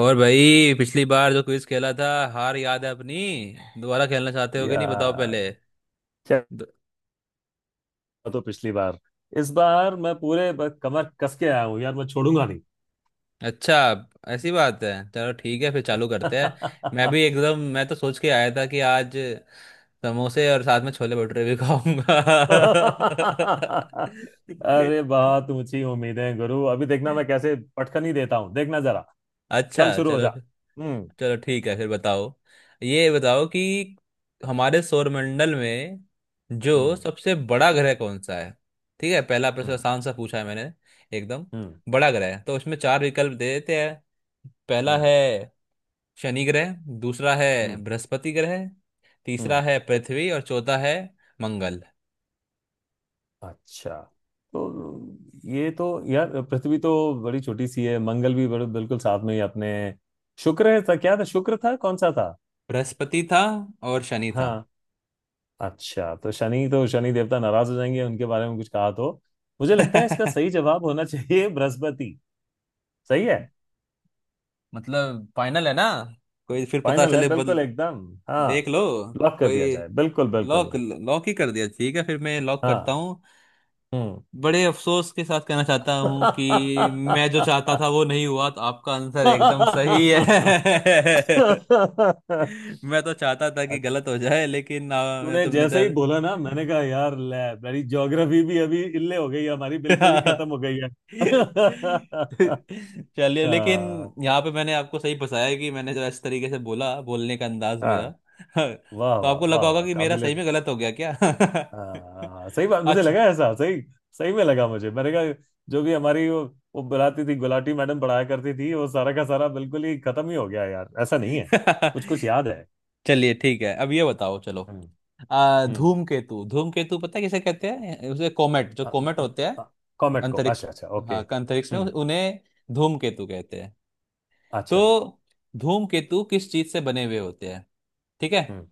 और भाई, पिछली बार जो क्विज खेला था, हार याद है अपनी। दोबारा खेलना चाहते हो कि नहीं, बताओ यार पहले। क्या दो- हुआ तो पिछली बार। इस बार मैं पूरे कमर कस के आया हूँ यार, मैं छोड़ूंगा नहीं। अच्छा, ऐसी बात है, चलो ठीक है फिर चालू करते हैं। मैं भी एकदम मैं तो सोच के आया था कि आज समोसे और साथ में छोले भटूरे भी खाऊंगा। अरे बहुत ऊंची उम्मीदें गुरु, अभी देखना मैं कैसे पटखनी देता हूँ, देखना जरा। चल अच्छा, शुरू हो चलो। जा। हम्म। चलो ठीक है फिर, बताओ, ये बताओ कि हमारे सौरमंडल में जो हम्म। सबसे बड़ा ग्रह कौन सा है। ठीक है, पहला प्रश्न हम्म। आसान सा पूछा है मैंने, एकदम हम्म। बड़ा ग्रह है। तो उसमें चार विकल्प दे देते हैं। पहला हम्म। है शनि ग्रह, दूसरा है हम्म। बृहस्पति ग्रह, तीसरा हम्म। है पृथ्वी और चौथा है मंगल। अच्छा, तो ये तो, यार पृथ्वी तो बड़ी छोटी सी है, मंगल भी बड़े बिल्कुल साथ में ही अपने। शुक्र है, था क्या था, शुक्र था, कौन सा था। बृहस्पति था और शनि था। हाँ, अच्छा तो शनि, तो शनि देवता नाराज हो जाएंगे उनके बारे में कुछ कहा तो। मुझे लगता है इसका सही जवाब होना चाहिए बृहस्पति। सही है। मतलब फाइनल है ना, कोई फिर पता फाइनल है चले बिल्कुल बदल, एकदम। हाँ, देख लो। लॉक कर दिया कोई, जाए, बिल्कुल लॉक बिल्कुल। लॉक ही कर दिया, ठीक है फिर मैं लॉक करता हाँ। हूँ। हम्म। बड़े अफसोस के साथ कहना चाहता हूँ कि मैं जो चाहता था वो नहीं हुआ, तो आपका आंसर एकदम सही है। मैं तो चाहता था कि अच्छा, गलत हो जाए, लेकिन तूने तुमने जैसे ही तो। बोला ना मैंने कहा यार ले। मेरी ज्योग्राफी भी अभी इल्ले हो गई है, हमारी बिल्कुल ही खत्म हो गई है। चलिए, लेकिन हाँ। यहाँ पे मैंने आपको सही फंसाया कि मैंने जो इस तरीके से बोला, बोलने का अंदाज मेरा। हाँ, वाह तो वाह आपको लगा वाह होगा वाह, कि मेरा काबिले। सही में गलत हो गया क्या। हाँ सही बात, मुझे अच्छा। लगा ऐसा सही। सही में लगा मुझे, मैंने कहा जो भी हमारी वो बुलाती थी गुलाटी मैडम, पढ़ाया करती थी, वो सारा का सारा बिल्कुल ही खत्म ही हो गया यार, ऐसा नहीं है कुछ कुछ याद है। चलिए ठीक है, अब ये बताओ, चलो। हम्म। हम्म। धूमकेतु, धूमकेतु पता है किसे कहते हैं? उसे कोमेट, जो कोमेट होते हैं कॉमेट को, अंतरिक्ष, अच्छा अच्छा ओके। हाँ अंतरिक्ष में हम्म। उन्हें धूमकेतु कहते हैं। तो अच्छा। धूमकेतु किस चीज से बने हुए होते हैं, ठीक है? हम्म।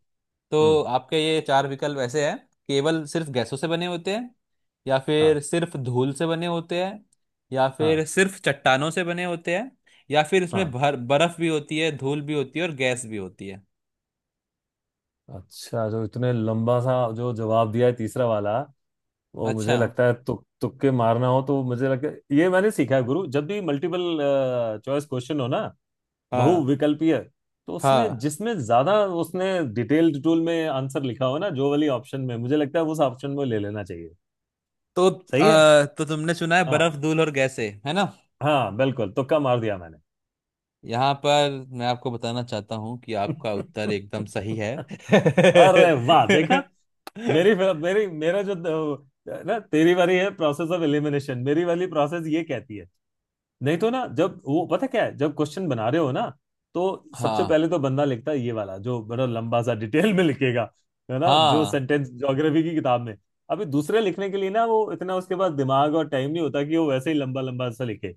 हम्म। तो आपके ये चार विकल्प ऐसे हैं। केवल सिर्फ गैसों से बने होते हैं, या हाँ। फिर सिर्फ धूल से बने होते हैं, या हाँ। फिर सिर्फ चट्टानों से बने होते हैं, या फिर इसमें हाँ, भर बर्फ भी होती है, धूल भी होती है और गैस भी होती है। अच्छा, जो इतने लंबा सा जो जवाब दिया है तीसरा वाला, वो अच्छा। मुझे लगता है, तुक तुक्के मारना हो तो, मुझे लगता है ये मैंने सीखा है गुरु, जब भी मल्टीपल चॉइस क्वेश्चन हो ना, हाँ, बहुविकल्पीय, तो उसमें हाँ, जिसमें ज्यादा उसने डिटेल्ड टूल में आंसर लिखा हो ना, जो वाली ऑप्शन में, मुझे लगता है उस ऑप्शन में ले लेना चाहिए। तो सही है। तो तुमने सुना है हाँ, बर्फ, धूल और गैसें, है ना। हाँ बिल्कुल, तुक्का मार दिया मैंने। यहाँ पर मैं आपको बताना चाहता हूँ कि आपका उत्तर एकदम सही है। अरे वाह, देखा। मेरी मेरी मेरा जो, ना, तेरी वाली है प्रोसेस ऑफ एलिमिनेशन, मेरी वाली प्रोसेस ये कहती है, नहीं तो ना, जब वो पता क्या है, जब क्वेश्चन बना रहे हो ना, तो सबसे हाँ पहले तो बंदा लिखता है ये वाला, जो बड़ा लंबा सा डिटेल में लिखेगा, है ना, जो हाँ सेंटेंस ज्योग्राफी की किताब में। अभी दूसरे लिखने के लिए ना, वो इतना उसके पास दिमाग और टाइम नहीं होता कि वो वैसे ही लंबा लंबा सा लिखे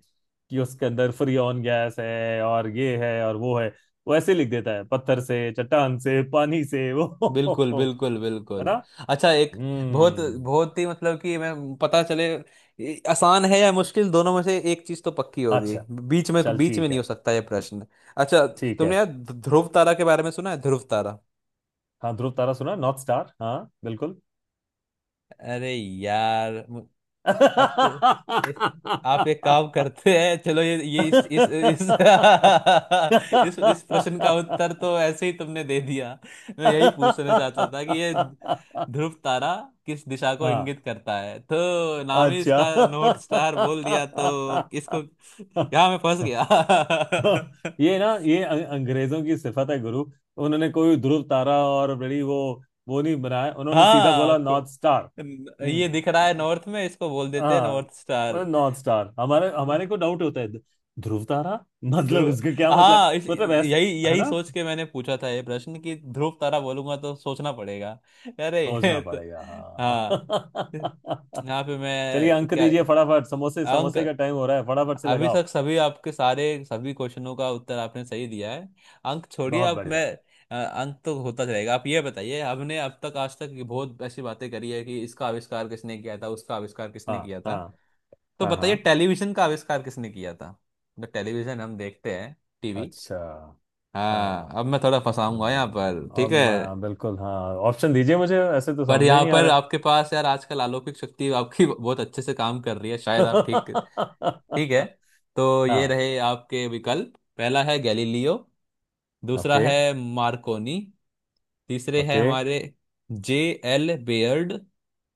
कि उसके अंदर फ्रियोन गैस है और ये है और वो है। वो ऐसे लिख देता है, पत्थर से, चट्टान से, पानी से वो। बिल्कुल बिल्कुल है ना। बिल्कुल। अच्छा, एक बहुत हम्म। बहुत ही, मतलब कि मैं, पता चले ये आसान है या मुश्किल, दोनों में से एक चीज तो पक्की होगी। अच्छा, चल बीच में ठीक नहीं हो है। सकता ये प्रश्न। अच्छा, ठीक है। तुमने यार ध्रुव तारा के बारे में सुना है? ध्रुव तारा, हाँ, ध्रुव तारा सुना, नॉर्थ स्टार, हाँ बिल्कुल। अरे यार, अब तो इस हाँ। आप एक काम करते हैं, चलो, ये इस इस प्रश्न का उत्तर तो ऐसे ही तुमने दे दिया। मैं यही पूछना चाहता था कि ये ध्रुव तारा किस दिशा को इंगित करता है, तो नाम ही अच्छा, इसका नॉर्थ स्टार बोल दिया, तो अब इसको, यहाँ मैं फंस गया। ये ना, ये अंग्रेजों की सिफत है गुरु, उन्होंने कोई ध्रुव तारा और बड़ी वो नहीं बनाया, उन्होंने सीधा हाँ बोला को- नॉर्थ स्टार। ये दिख रहा है हम्म। नॉर्थ में, इसको बोल देते हैं हाँ, नॉर्थ स्टार। मतलब नॉर्थ स्टार, हमारे हमारे को डाउट होता है ध्रुव तारा मतलब ध्रुव, इसका क्या मतलब, हाँ, इस मतलब यही ऐसा है यही ना। सोच के मैंने पूछा था ये प्रश्न कि ध्रुव तारा बोलूंगा तो सोचना पड़ेगा। अरे ये सोचना तो। पड़ेगा हाँ हाँ। यहाँ पे चलिए मैं अंक क्या, दीजिए फटाफट, समोसे अंक, समोसे का टाइम हो रहा है, फटाफट से अभी लगाओ। तक सभी आपके सारे सभी क्वेश्चनों का उत्तर आपने सही दिया है, अंक छोड़िए, बहुत अब मैं, बढ़िया। अंक तो होता चलेगा। आप ये बताइए, हमने अब तक, आज तक ये बहुत ऐसी बातें करी है कि इसका आविष्कार किसने किया था, उसका आविष्कार हाँ। किसने किया था, हाँ। तो हाँ। बताइए हाँ। टेलीविजन का आविष्कार किसने किया था। तो टेलीविजन हम देखते हैं, टीवी, अच्छा। हाँ, हाँ। अब मैं थोड़ा फंसाऊंगा यहाँ पर, ठीक है। बिल्कुल हाँ, ऑप्शन दीजिए मुझे, ऐसे तो पर समझ में ही यहाँ नहीं आ पर रहा है। आपके पास यार आजकल अलौकिक शक्ति आपकी बहुत अच्छे से काम कर रही है, शायद आप ठीक, ठीक है। तो ये हाँ। रहे आपके विकल्प। पहला है गैलीलियो, दूसरा ओके। है मार्कोनी, तीसरे है ओके। हमारे जे एल बेयर्ड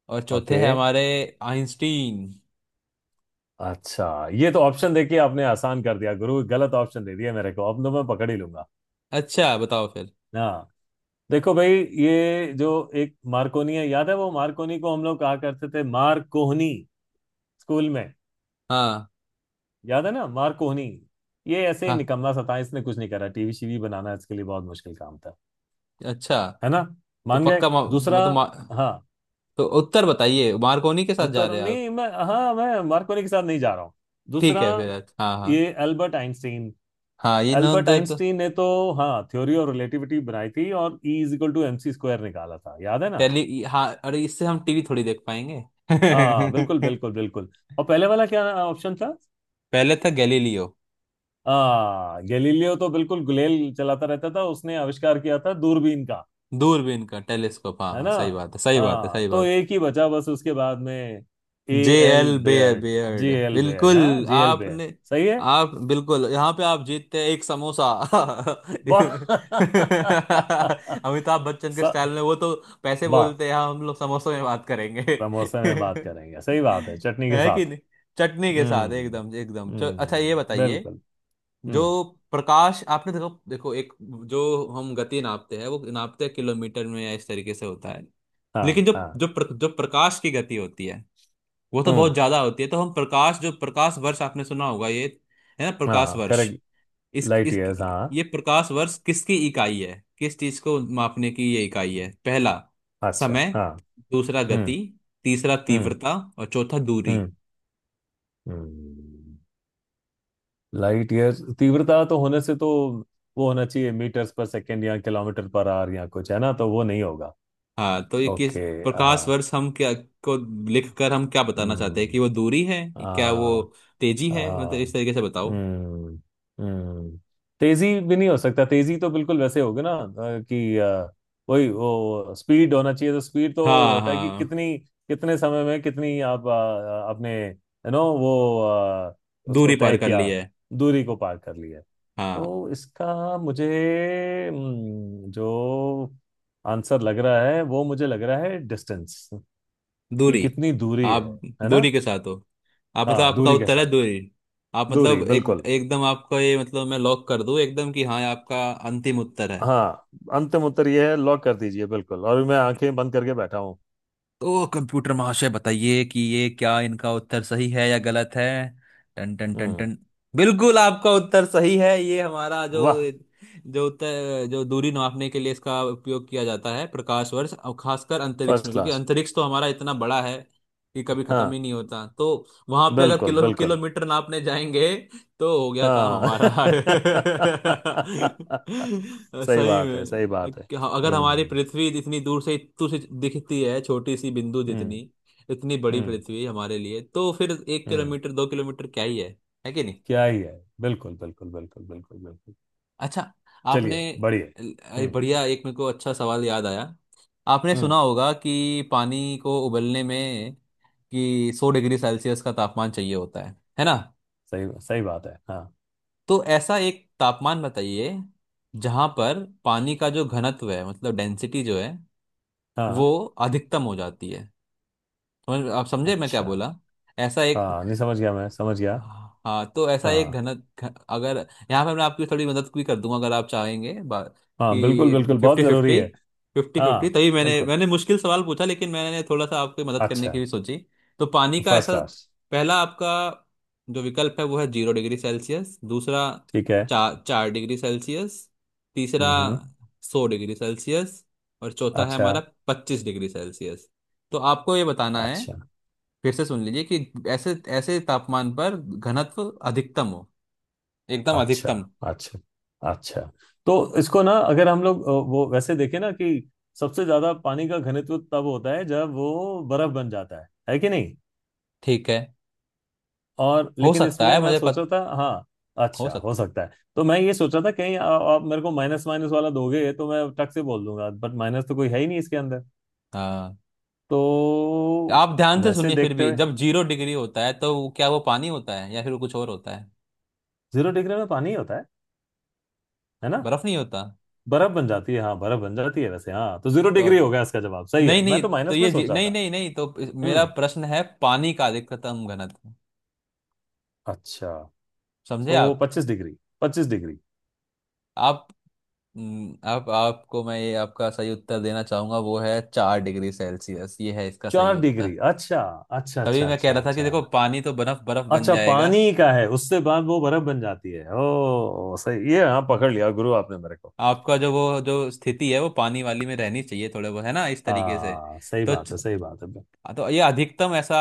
और चौथे ओके। है हमारे आइंस्टीन। अच्छा, ये तो ऑप्शन देखिए, आपने आसान कर दिया गुरु, गलत ऑप्शन दे दिया मेरे को, अब तो मैं पकड़ ही लूंगा। अच्छा, बताओ फिर। हाँ, देखो भाई, ये जो एक मार्कोनी है, याद है वो, मार्कोनी को हम लोग कहा करते थे मार कोहनी, स्कूल में, हाँ याद है ना मार कोहनी। ये ऐसे ही हाँ, निकम्मा सा था, इसने कुछ नहीं करा, टीवी शीवी बनाना इसके लिए बहुत मुश्किल काम था, अच्छा, है ना, तो मान गए पक्का दूसरा। हाँ, तो उत्तर बताइए, मार्कोनी के साथ जा उत्तर रहे हैं आप? नहीं, मैं, हाँ मैं मार्कोनी के साथ नहीं जा रहा हूँ, ठीक दूसरा। है फिर। अच्छा, हाँ हाँ। ये अल्बर्ट आइंस्टीन, हाँ ये ना, अल्बर्ट तो आइंस्टीन ने तो, हाँ थ्योरी ऑफ रिलेटिविटी बनाई थी, और E is equal to M C square निकाला था, याद है ना। टेली, हाँ, अरे इससे हम टीवी थोड़ी देख पाएंगे। हाँ बिल्कुल बिल्कुल बिल्कुल। और पहले वाला क्या ऑप्शन था। पहले था गैलीलियो, हाँ, गैलीलियो तो बिल्कुल गुलेल चलाता रहता था, उसने आविष्कार किया था दूरबीन का, दूरबीन का टेलीस्कोप, है हाँ ना। सही बात है, सही बात है, हाँ सही तो बात। एक ही बचा बस उसके बाद में, ए जे एल एल बे Baird, Baird, J L Baird, हाँ बिल्कुल जे एल बेयर्ड। आपने, सही है। आप बिल्कुल, यहाँ पे आप जीतते हैं एक समोसा। वाह। अमिताभ बच्चन के स- स्टाइल में, वो तो पैसे वाह, बोलते हैं, हाँ, हम लोग समोसों में बात करेंगे। समोसे में बात करेंगे, सही बात है, चटनी के है कि साथ। नहीं, चटनी के साथ, हम्म। एकदम एकदम अच्छा, ये बताइए। बिल्कुल। जो हम्म। प्रकाश आपने, देखो देखो, एक जो हम गति नापते हैं, वो नापते हैं किलोमीटर में या इस तरीके से होता है। हाँ। लेकिन जो हाँ। जो प्र, जो प्रकाश की गति होती है वो तो हम्म। बहुत ज्यादा होती है। तो हम प्रकाश, जो प्रकाश वर्ष आपने सुना होगा ये, है ना, प्रकाश हाँ वर्ष, करेक्ट। लाइट इस ईयर्स ये हाँ। प्रकाश वर्ष किसकी इकाई है, किस चीज को मापने की ये इकाई है? पहला अच्छा। समय, हाँ। दूसरा हम्म। गति, तीसरा हम्म। तीव्रता और चौथा दूरी। हम्म। हम्म, लाइट ईयर्स तीव्रता तो होने से तो, वो होना चाहिए मीटर्स पर सेकेंड या किलोमीटर पर आवर या कुछ, है ना, तो वो नहीं होगा। हाँ तो ये किस, ओके। हाँ। प्रकाश वर्ष हम क्या को, लिख कर हम क्या बताना चाहते हैं हम्म। कि वो दूरी है, क्या वो हाँ। तेजी है, मतलब हाँ, इस तरीके से बताओ। हम्म। हम्म, तेजी भी नहीं हो सकता, तेजी तो बिल्कुल वैसे होगी ना, कि अ, वही वो स्पीड होना चाहिए, तो स्पीड तो हाँ, होता है कि हाँ, कितनी, कितने समय में कितनी आप, आपने यू नो वो उसको दूरी तय पार कर किया, ली है, दूरी को पार कर लिया। हाँ तो इसका मुझे, जो आंसर लग रहा है वो मुझे लग रहा है डिस्टेंस, कि दूरी। कितनी दूरी आप है ना। दूरी के साथ हो, आप, मतलब हाँ, आपका दूरी के उत्तर है साथ, दूरी। आप, दूरी मतलब एक बिल्कुल, एकदम, आपको ये मतलब मैं लॉक कर दूं एकदम कि हाँ ये आपका अंतिम उत्तर है? हाँ अंतिम उत्तर ये है, लॉक कर दीजिए बिल्कुल, और मैं आंखें बंद करके बैठा हूँ। तो कंप्यूटर महाशय बताइए कि ये क्या, इनका उत्तर सही है या गलत है, टन टन टन हम्म। टन, बिल्कुल आपका उत्तर सही है। ये हमारा जो, वाह, जो उत्तर, जो दूरी नापने के लिए इसका उपयोग किया जाता है, प्रकाश वर्ष, और खासकर अंतरिक्ष फर्स्ट में, क्योंकि क्लास। अंतरिक्ष तो हमारा इतना बड़ा है कि कभी खत्म हाँ ही नहीं होता। तो वहां पे अगर बिल्कुल बिल्कुल। किलोमीटर नापने जाएंगे तो हो गया काम हाँ। हमारा। सही सही बात है में, सही बात है। अगर हमारी हम्म। पृथ्वी इतनी दूर से दिखती है, छोटी सी बिंदु हम्म। जितनी, इतनी बड़ी हम्म। पृथ्वी हमारे लिए, तो फिर एक हम्म। किलोमीटर दो किलोमीटर क्या ही है कि नहीं। क्या ही है, बिल्कुल बिल्कुल बिल्कुल बिल्कुल बिल्कुल। अच्छा, आपने, चलिए बढ़िया। हम्म। बढ़िया, एक मेरे को अच्छा सवाल याद आया। आपने हम्म। सुना होगा कि पानी को उबलने में कि 100 डिग्री सेल्सियस का तापमान चाहिए होता है ना। सही, सही बात है हाँ। तो ऐसा एक तापमान बताइए जहां पर पानी का जो घनत्व है, मतलब डेंसिटी जो है, हाँ। वो अधिकतम हो जाती है। समझ, आप समझे मैं क्या अच्छा। बोला? ऐसा एक, हाँ नहीं, समझ गया मैं, समझ गया। हाँ, हाँ, तो ऐसा एक हाँ। अगर यहाँ पे मैं आपकी थोड़ी मदद भी कर दूंगा, अगर आप चाहेंगे, हाँ बिल्कुल कि बिल्कुल, बहुत फिफ्टी जरूरी फिफ्टी। है। हाँ तभी मैंने बिल्कुल। मैंने मुश्किल सवाल पूछा, लेकिन मैंने थोड़ा सा आपकी मदद करने अच्छा। की भी सोची। तो पानी का फर्स्ट ऐसा, क्लास। पहला आपका जो विकल्प है वो है 0 डिग्री सेल्सियस, दूसरा ठीक है। चार 4 डिग्री सेल्सियस, तीसरा हम्म। 100 डिग्री सेल्सियस और चौथा है अच्छा हमारा 25 डिग्री सेल्सियस। तो आपको ये बताना है, अच्छा फिर से सुन लीजिए कि ऐसे ऐसे तापमान पर घनत्व अधिकतम हो, एकदम अच्छा अधिकतम। अच्छा। अच्छा, तो इसको ना, अगर हम लोग वो वैसे देखें ना, कि सबसे ज्यादा पानी का घनत्व तब होता है जब वो बर्फ बन जाता है कि नहीं, ठीक है, और, हो लेकिन सकता इसमें है, मैं मुझे सोचा पत, था हाँ। हो अच्छा, हो सकता। सकता है। तो मैं ये सोचा था कहीं आप मेरे को माइनस माइनस वाला दोगे तो मैं टक से बोल दूंगा, बट माइनस तो कोई है ही नहीं इसके अंदर, हाँ तो, आप ध्यान से वैसे सुनिए फिर देखते भी, हुए जब 0 डिग्री होता है तो क्या वो पानी होता है या फिर वो कुछ और होता है, जीरो डिग्री में पानी ही होता है ना। बर्फ नहीं होता? बर्फ बन जाती है, हाँ बर्फ बन जाती है वैसे, हाँ तो जीरो तो डिग्री आप- हो गया, इसका जवाब सही है, नहीं मैं नहीं, तो माइनस में सोच रहा नहीं था। नहीं नहीं, तो मेरा हम्म। प्रश्न है पानी का अधिकतम घनत्व, अच्छा, समझे तो आप। पच्चीस डिग्री, पच्चीस डिग्री। आप, आपको मैं ये आपका सही उत्तर देना चाहूंगा, वो है 4 डिग्री सेल्सियस, ये है इसका सही चार डिग्री, उत्तर। अच्छा अच्छा तभी अच्छा मैं कह अच्छा रहा था कि देखो, अच्छा। पानी तो बर्फ बर्फ बन अच्छा, जाएगा। पानी का है, उससे बाद वो बर्फ बन जाती है, ओ सही, ये हाँ, हम्म। पकड़ लिया गुरु आपने मेरे को। आपका जो वो जो स्थिति है वो पानी वाली में रहनी चाहिए थोड़े बहुत, है ना, इस तरीके से। हाँ सही तो बात है सही बात है। हाँ, तो ये अधिकतम ऐसा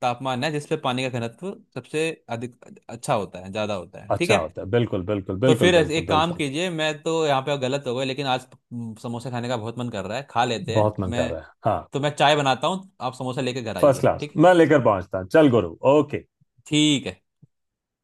तापमान है जिसपे पानी का घनत्व सबसे अधिक अच्छा होता है, ज्यादा होता है, ठीक अच्छा है। होता है, बिल्कुल बिल्कुल तो बिल्कुल फिर बिल्कुल एक काम बिल्कुल। कीजिए, मैं तो यहाँ पे गलत हो गया, लेकिन आज, समोसा खाने का बहुत मन कर रहा है, खा लेते हैं, बहुत मन मैं कर रहा है हाँ। तो मैं चाय बनाता हूँ, आप समोसा लेके घर फर्स्ट आइए, क्लास, ठीक, मैं लेकर पहुंचता, चल गुरु, ओके। ठीक है।